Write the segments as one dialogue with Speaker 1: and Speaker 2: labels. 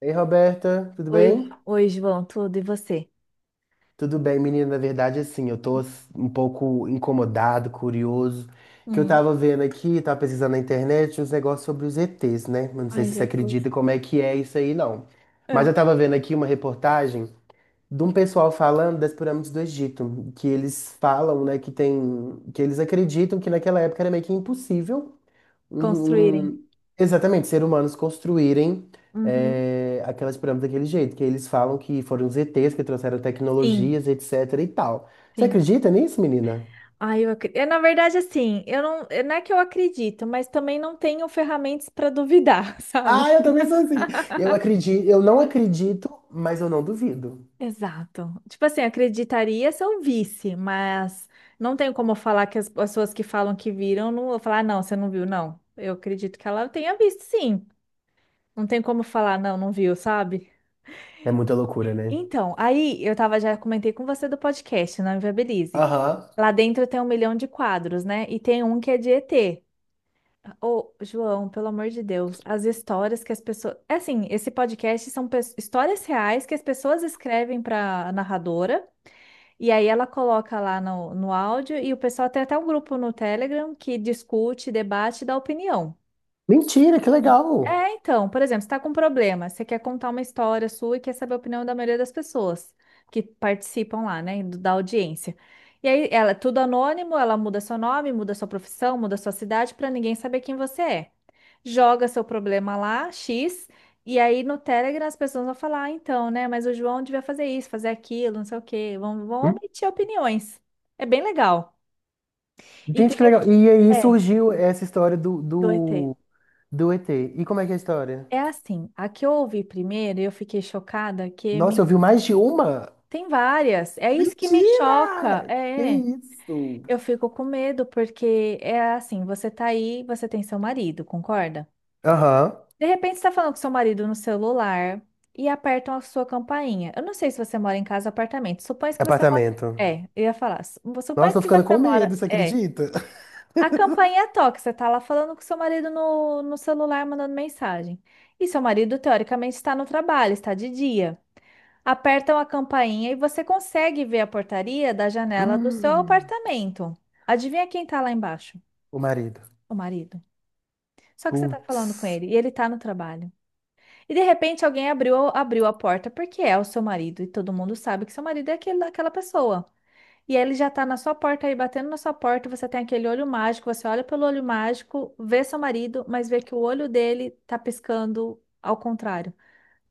Speaker 1: Ei, Roberta, tudo
Speaker 2: Oi,
Speaker 1: bem?
Speaker 2: oi, João, tudo e você?
Speaker 1: Tudo bem, menina. Na verdade, assim, um pouco incomodado, curioso, que eu
Speaker 2: Hum.
Speaker 1: tava vendo aqui, tava pesquisando na internet uns negócios sobre os ETs, né? Eu não sei
Speaker 2: Ai,
Speaker 1: se você
Speaker 2: Jesus.
Speaker 1: acredita como é que é isso aí, não. Mas
Speaker 2: É.
Speaker 1: eu tava vendo aqui uma reportagem de um pessoal falando das pirâmides do Egito, que eles falam, né, que tem, que eles acreditam que naquela época era meio que impossível.
Speaker 2: Construírem.
Speaker 1: Uhum. Exatamente, seres humanos construírem
Speaker 2: Uhum.
Speaker 1: aquelas pirâmides daquele jeito, que eles falam que foram os ETs que trouxeram
Speaker 2: Sim,
Speaker 1: tecnologias, etc e tal. Você
Speaker 2: sim.
Speaker 1: acredita nisso, menina?
Speaker 2: Ai, eu acredito. Na verdade, assim, eu não, não é que eu acredito, mas também não tenho ferramentas para duvidar,
Speaker 1: Ah,
Speaker 2: sabe?
Speaker 1: eu também sou assim. Eu acredito, eu não acredito, mas eu não duvido.
Speaker 2: Exato. Tipo assim, acreditaria se eu visse, mas não tenho como falar que as pessoas que falam que viram, não vou falar, "Ah, não, você não viu, não. Eu acredito que ela tenha visto, sim. Não tem como falar, não, não viu, sabe?
Speaker 1: É muita loucura, né?
Speaker 2: Então, aí eu tava, já comentei com você do podcast, não Inviabilize.
Speaker 1: Aham.
Speaker 2: Lá dentro tem um milhão de quadros, né? E tem um que é de ET. Ô, João, pelo amor de Deus, as histórias que as pessoas. É assim, esse podcast são histórias reais que as pessoas escrevem para a narradora, e aí ela coloca lá no áudio, e o pessoal tem até um grupo no Telegram que discute, debate e dá opinião.
Speaker 1: Mentira, que legal!
Speaker 2: É, então, por exemplo, você está com um problema, você quer contar uma história sua e quer saber a opinião da maioria das pessoas que participam lá, né, da audiência. E aí, ela é tudo anônimo, ela muda seu nome, muda sua profissão, muda sua cidade para ninguém saber quem você é. Joga seu problema lá, X, e aí no Telegram as pessoas vão falar, ah, então, né, mas o João devia fazer isso, fazer aquilo, não sei o quê, vão
Speaker 1: Hum?
Speaker 2: omitir opiniões. É bem legal. E tem,
Speaker 1: Gente, que legal. E aí
Speaker 2: é,
Speaker 1: surgiu essa história do,
Speaker 2: do ET.
Speaker 1: do ET. E como é que é a história?
Speaker 2: É assim, a que eu ouvi primeiro, eu fiquei chocada que
Speaker 1: Nossa,
Speaker 2: me.
Speaker 1: eu vi mais de uma?
Speaker 2: Tem várias. É isso que me choca.
Speaker 1: Mentira! Que
Speaker 2: É,
Speaker 1: isso?
Speaker 2: eu fico com medo porque é assim, você tá aí, você tem seu marido, concorda?
Speaker 1: Aham,
Speaker 2: De repente você tá falando com seu marido no celular e apertam a sua campainha. Eu não sei se você mora em casa ou apartamento. Supõe que você mora.
Speaker 1: apartamento.
Speaker 2: É, eu ia falar. Supõe
Speaker 1: Nossa, tô
Speaker 2: que
Speaker 1: ficando
Speaker 2: você
Speaker 1: com medo,
Speaker 2: mora.
Speaker 1: você
Speaker 2: É.
Speaker 1: acredita?
Speaker 2: A campainha toca, você tá lá falando com seu marido no celular, mandando mensagem. E seu marido, teoricamente, está no trabalho, está de dia, apertam a campainha e você consegue ver a portaria da janela do seu
Speaker 1: Hum,
Speaker 2: apartamento. Adivinha quem tá lá embaixo?
Speaker 1: o marido.
Speaker 2: O marido. Só que você tá falando com
Speaker 1: Putz.
Speaker 2: ele e ele tá no trabalho. E de repente alguém abriu a porta porque é o seu marido e todo mundo sabe que seu marido é aquele, aquela pessoa. E ele já tá na sua porta aí, batendo na sua porta, você tem aquele olho mágico, você olha pelo olho mágico, vê seu marido, mas vê que o olho dele tá piscando ao contrário.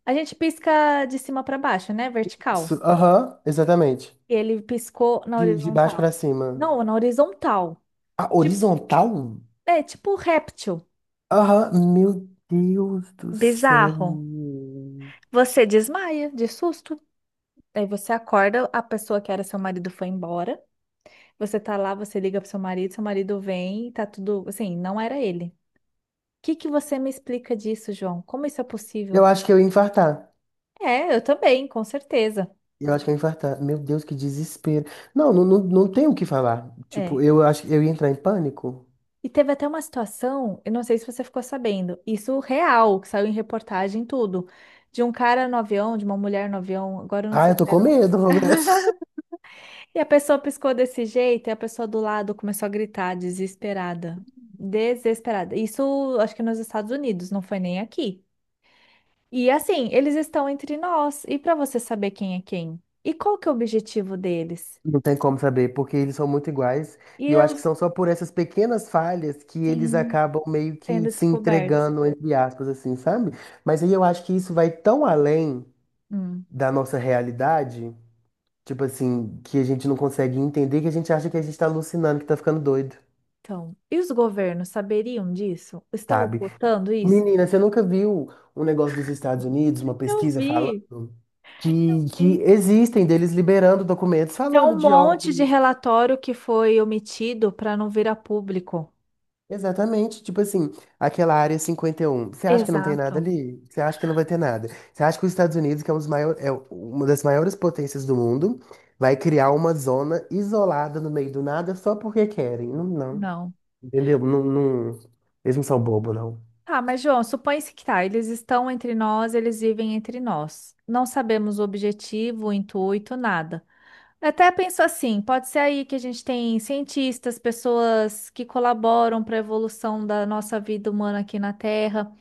Speaker 2: A gente pisca de cima para baixo, né? Vertical.
Speaker 1: Su- Aham, exatamente.
Speaker 2: Ele piscou na
Speaker 1: De baixo
Speaker 2: horizontal.
Speaker 1: pra cima.
Speaker 2: Não, na horizontal.
Speaker 1: Ah,
Speaker 2: Tipo,
Speaker 1: horizontal?
Speaker 2: é tipo um réptil.
Speaker 1: Aham, meu Deus do
Speaker 2: Bizarro.
Speaker 1: céu.
Speaker 2: Você desmaia de susto. Aí você acorda, a pessoa que era seu marido foi embora. Você tá lá, você liga pro seu marido vem, e tá tudo. Assim, não era ele. O que que você me explica disso, João? Como isso é possível?
Speaker 1: Eu acho que eu ia infartar.
Speaker 2: É, eu também, com certeza.
Speaker 1: Eu acho que eu ia infartar. Meu Deus, que desespero. Não, não, não, não tem o que falar.
Speaker 2: É.
Speaker 1: Tipo, eu acho que eu ia entrar em pânico.
Speaker 2: E teve até uma situação, eu não sei se você ficou sabendo, isso real, que saiu em reportagem, e tudo, de um cara no avião, de uma mulher no avião, agora eu não
Speaker 1: Ah,
Speaker 2: sei
Speaker 1: eu
Speaker 2: se
Speaker 1: tô com
Speaker 2: era.
Speaker 1: medo.
Speaker 2: E a pessoa piscou desse jeito, e a pessoa do lado começou a gritar, desesperada. Desesperada. Isso acho que nos Estados Unidos, não foi nem aqui. E assim, eles estão entre nós, e para você saber quem é quem? E qual que é o objetivo deles?
Speaker 1: Não tem como saber, porque eles são muito iguais.
Speaker 2: E
Speaker 1: E eu
Speaker 2: eu,
Speaker 1: acho que são só por essas pequenas falhas que eles
Speaker 2: sim,
Speaker 1: acabam meio que
Speaker 2: sendo
Speaker 1: se
Speaker 2: descobertos.
Speaker 1: entregando, entre aspas, assim, sabe? Mas aí eu acho que isso vai tão além
Speaker 2: Hum.
Speaker 1: da nossa realidade, tipo assim, que a gente não consegue entender, que a gente acha que a gente tá alucinando, que tá ficando doido,
Speaker 2: Então, e os governos saberiam disso? Estão
Speaker 1: sabe?
Speaker 2: ocultando isso?
Speaker 1: Menina, você nunca viu um negócio dos Estados Unidos, uma
Speaker 2: Eu
Speaker 1: pesquisa falando
Speaker 2: vi.
Speaker 1: que
Speaker 2: Sim.
Speaker 1: existem deles liberando documentos
Speaker 2: Tem
Speaker 1: falando
Speaker 2: um
Speaker 1: de
Speaker 2: monte de
Speaker 1: OVNIs.
Speaker 2: relatório que foi omitido para não vir a público.
Speaker 1: Exatamente, tipo assim, aquela área cinquenta e um. Você acha que não tem nada
Speaker 2: Exato.
Speaker 1: ali? Você acha que não vai ter nada? Você acha que os Estados Unidos, que é, um dos maior, é uma das maiores potências do mundo, vai criar uma zona isolada no meio do nada só porque querem? Não, não.
Speaker 2: Não.
Speaker 1: Entendeu? Não, não- Eles não são bobo, não.
Speaker 2: Tá, mas João, supõe-se que tá, eles estão entre nós, eles vivem entre nós. Não sabemos o objetivo, o intuito, nada. Até penso assim, pode ser aí que a gente tem cientistas, pessoas que colaboram para a evolução da nossa vida humana aqui na Terra.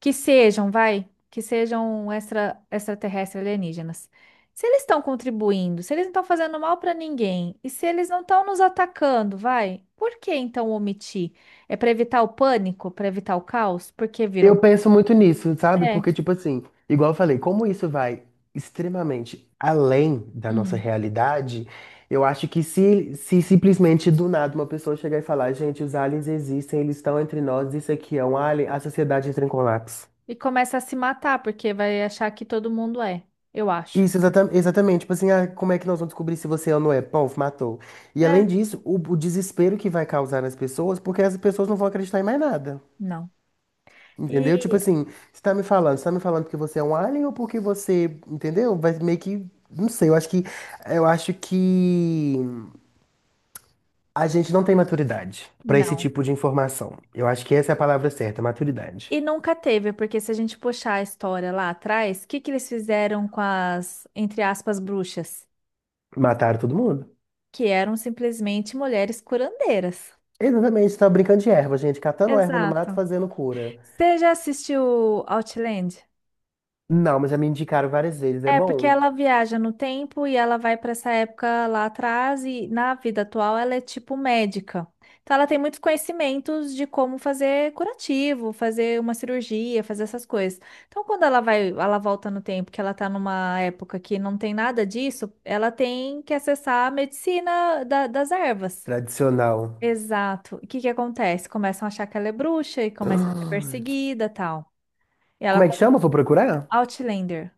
Speaker 2: Que sejam, vai, que sejam extraterrestres alienígenas. Se eles estão contribuindo, se eles não estão fazendo mal para ninguém, e se eles não estão nos atacando, vai, por que então omitir? É para evitar o pânico, para evitar o caos? Porque
Speaker 1: Eu
Speaker 2: viram.
Speaker 1: penso muito nisso, sabe?
Speaker 2: É.
Speaker 1: Porque, tipo assim, igual eu falei, como isso vai extremamente além da nossa
Speaker 2: Hum.
Speaker 1: realidade, eu acho que se simplesmente do nada uma pessoa chegar e falar, gente, os aliens existem, eles estão entre nós, isso aqui é um alien, a sociedade entra em colapso.
Speaker 2: E começa a se matar, porque vai achar que todo mundo é, eu acho.
Speaker 1: Isso, exata- exatamente. Tipo assim, ah, como é que nós vamos descobrir se você é ou não é? Pô, matou. E
Speaker 2: É,
Speaker 1: além disso, o desespero que vai causar nas pessoas, porque as pessoas não vão acreditar em mais nada.
Speaker 2: não.
Speaker 1: Entendeu? Tipo
Speaker 2: E
Speaker 1: assim, você tá me falando, você tá me falando porque você é um alien ou porque você, entendeu? Vai meio que, não sei, eu acho que a gente não tem maturidade pra esse
Speaker 2: não.
Speaker 1: tipo de informação. Eu acho que essa é a palavra certa, maturidade.
Speaker 2: E nunca teve, porque se a gente puxar a história lá atrás, o que que eles fizeram com as, entre aspas, bruxas?
Speaker 1: Mataram todo mundo?
Speaker 2: Que eram simplesmente mulheres curandeiras.
Speaker 1: Exatamente, tá brincando de erva, gente, catando erva no mato,
Speaker 2: Exato.
Speaker 1: fazendo cura.
Speaker 2: Você já assistiu Outland?
Speaker 1: Não, mas já me indicaram várias vezes, é
Speaker 2: É, porque
Speaker 1: bom.
Speaker 2: ela viaja no tempo e ela vai para essa época lá atrás e na vida atual ela é tipo médica. Então ela tem muitos conhecimentos de como fazer curativo, fazer uma cirurgia, fazer essas coisas. Então quando ela vai, ela volta no tempo, que ela tá numa época que não tem nada disso, ela tem que acessar a medicina das ervas.
Speaker 1: Tradicional.
Speaker 2: Exato. O que que acontece? Começam a achar que ela é bruxa e começa a ser
Speaker 1: Ah,
Speaker 2: perseguida, tal. E ela
Speaker 1: como é
Speaker 2: com.
Speaker 1: que chama? Vou procurar?
Speaker 2: Outlander.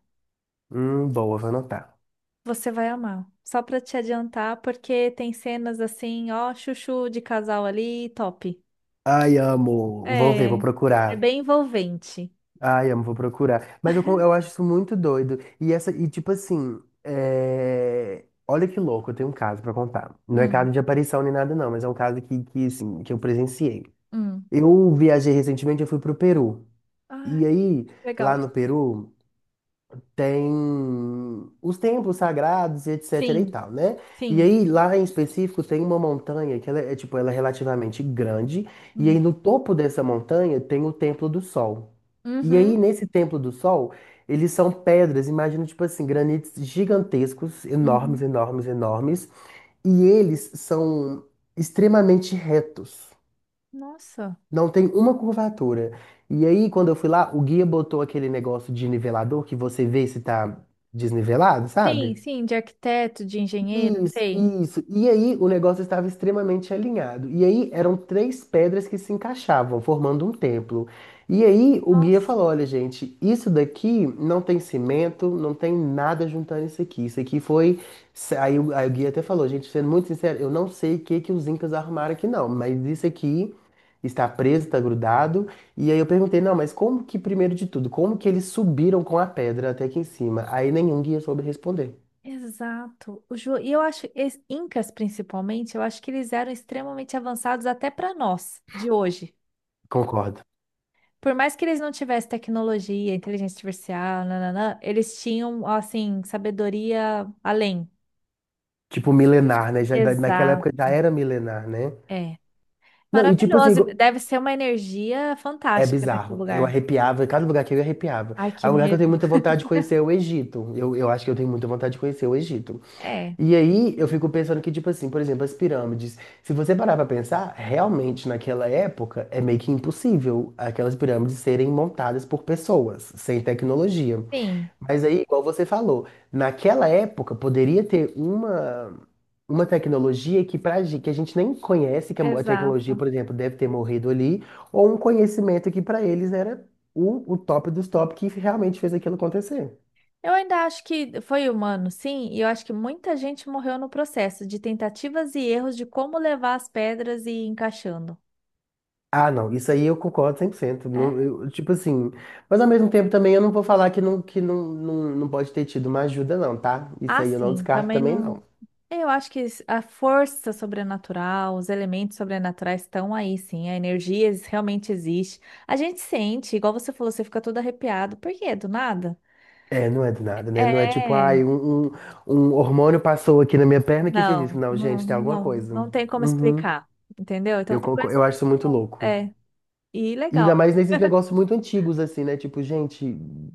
Speaker 1: Boa, vou anotar.
Speaker 2: Você vai amar. Só pra te adiantar, porque tem cenas assim, ó, chuchu de casal ali, top.
Speaker 1: Ai, amo. Vou ver, vou
Speaker 2: É, é
Speaker 1: procurar.
Speaker 2: bem envolvente.
Speaker 1: Ai, amo, vou procurar. Mas eu, con- eu acho isso muito doido. E essa, e tipo assim, é, olha que louco, eu tenho um caso pra contar. Não é
Speaker 2: Hum,
Speaker 1: caso de aparição nem nada, não, mas é um caso que, assim, que eu presenciei.
Speaker 2: hum.
Speaker 1: Eu viajei recentemente, eu fui pro Peru.
Speaker 2: Ah,
Speaker 1: E aí, lá
Speaker 2: legal.
Speaker 1: no Peru tem os templos sagrados e etc e
Speaker 2: Sim,
Speaker 1: tal, né? E
Speaker 2: sim.
Speaker 1: aí lá em específico tem uma montanha que ela é tipo, ela é relativamente grande e aí
Speaker 2: Hum.
Speaker 1: no topo dessa montanha tem o Templo do Sol. E
Speaker 2: Uhum,
Speaker 1: aí nesse Templo do Sol, eles são pedras, imagina tipo assim, granitos gigantescos, enormes,
Speaker 2: uhum.
Speaker 1: enormes, enormes, e eles são extremamente retos.
Speaker 2: Nossa.
Speaker 1: Não tem uma curvatura. E aí, quando eu fui lá, o guia botou aquele negócio de nivelador que você vê se tá desnivelado,
Speaker 2: Sim,
Speaker 1: sabe?
Speaker 2: sim, de arquiteto, de engenheiro,
Speaker 1: Isso,
Speaker 2: sei.
Speaker 1: isso. E aí o negócio estava extremamente alinhado. E aí eram três pedras que se encaixavam, formando um templo. E aí o guia
Speaker 2: Nossa.
Speaker 1: falou: olha, gente, isso daqui não tem cimento, não tem nada juntando isso aqui. Isso aqui foi. Aí o guia até falou: gente, sendo muito sincero, eu não sei o que que os incas arrumaram aqui, não, mas isso aqui. Está preso, está grudado. E aí eu perguntei, não, mas como que, primeiro de tudo, como que eles subiram com a pedra até aqui em cima? Aí nenhum guia soube responder.
Speaker 2: Exato. O Ju... E eu acho, incas principalmente, eu acho que eles eram extremamente avançados até para nós, de hoje.
Speaker 1: Concordo.
Speaker 2: Por mais que eles não tivessem tecnologia, inteligência artificial, nananã, eles tinham, assim, sabedoria além.
Speaker 1: Tipo, milenar, né? Já, da- naquela época já
Speaker 2: Exato.
Speaker 1: era milenar, né?
Speaker 2: É.
Speaker 1: Não, e tipo assim,
Speaker 2: Maravilhoso.
Speaker 1: go-
Speaker 2: Deve ser uma energia
Speaker 1: é
Speaker 2: fantástica nesse
Speaker 1: bizarro. Eu
Speaker 2: lugar.
Speaker 1: arrepiava, cada lugar que eu ia, arrepiava.
Speaker 2: Ai, que
Speaker 1: A lugar que eu tenho
Speaker 2: medo.
Speaker 1: muita vontade de conhecer é o Egito. Eu acho que eu tenho muita vontade de conhecer o Egito.
Speaker 2: É,
Speaker 1: E aí eu fico pensando que, tipo assim, por exemplo, as pirâmides. Se você parar pra pensar, realmente naquela época é meio que impossível aquelas pirâmides serem montadas por pessoas, sem tecnologia.
Speaker 2: sim,
Speaker 1: Mas aí, igual você falou, naquela época poderia ter uma tecnologia que, pra, gen- que a gente nem conhece, que a mo- a tecnologia,
Speaker 2: exato.
Speaker 1: por exemplo, deve ter morrido ali, ou um conhecimento que para eles era o top dos top que realmente fez aquilo acontecer.
Speaker 2: Eu ainda acho que foi humano, sim, e eu acho que muita gente morreu no processo de tentativas e erros de como levar as pedras e ir encaixando.
Speaker 1: Ah, não, isso aí eu concordo 100%.
Speaker 2: É.
Speaker 1: Não, eu, tipo assim, mas ao mesmo tempo também eu não vou falar que não, não, não pode ter tido uma ajuda, não, tá? Isso
Speaker 2: Ah,
Speaker 1: aí eu não
Speaker 2: sim,
Speaker 1: descarto
Speaker 2: também
Speaker 1: também,
Speaker 2: não.
Speaker 1: não.
Speaker 2: Eu acho que a força sobrenatural, os elementos sobrenaturais estão aí, sim. A energia realmente existe. A gente sente, igual você falou, você fica todo arrepiado. Por quê? Do nada?
Speaker 1: É, não é do nada, né? Não é tipo, ai,
Speaker 2: É,
Speaker 1: um hormônio passou aqui na minha perna que fez isso.
Speaker 2: não,
Speaker 1: Não, gente,
Speaker 2: não,
Speaker 1: tem alguma
Speaker 2: não,
Speaker 1: coisa.
Speaker 2: não tem como
Speaker 1: Uhum.
Speaker 2: explicar, entendeu? Então
Speaker 1: Eu,
Speaker 2: tem
Speaker 1: conco-
Speaker 2: coisas
Speaker 1: eu
Speaker 2: que
Speaker 1: acho isso muito
Speaker 2: não.
Speaker 1: louco.
Speaker 2: É, e
Speaker 1: E
Speaker 2: legal.
Speaker 1: ainda mais nesses negócios muito antigos, assim, né? Tipo, gente,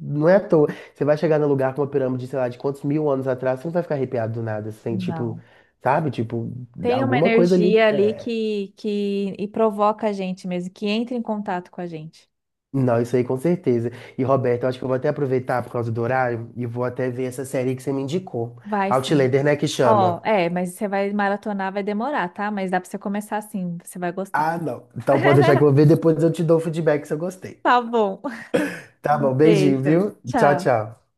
Speaker 1: não é à toa. Você vai chegar num lugar com uma pirâmide, sei lá, de quantos mil anos atrás, você não vai ficar arrepiado do nada, assim, tipo,
Speaker 2: Não.
Speaker 1: sabe? Tipo,
Speaker 2: Tem uma
Speaker 1: alguma coisa ali.
Speaker 2: energia ali
Speaker 1: É.
Speaker 2: que, que provoca a gente mesmo, que entra em contato com a gente.
Speaker 1: Não, isso aí com certeza. E, Roberto, eu acho que eu vou até aproveitar por causa do horário e vou até ver essa série que você me indicou.
Speaker 2: Vai sim.
Speaker 1: Outlander, né, que
Speaker 2: Ó,
Speaker 1: chama?
Speaker 2: é, mas você vai maratonar, vai demorar, tá? Mas dá pra você começar assim, você vai gostar.
Speaker 1: Ah, não. Então pode deixar que eu vou ver, depois eu te dou o feedback se eu gostei.
Speaker 2: Tá bom.
Speaker 1: Tá
Speaker 2: Um
Speaker 1: bom, beijinho,
Speaker 2: beijo.
Speaker 1: viu? Tchau,
Speaker 2: Tchau.
Speaker 1: tchau.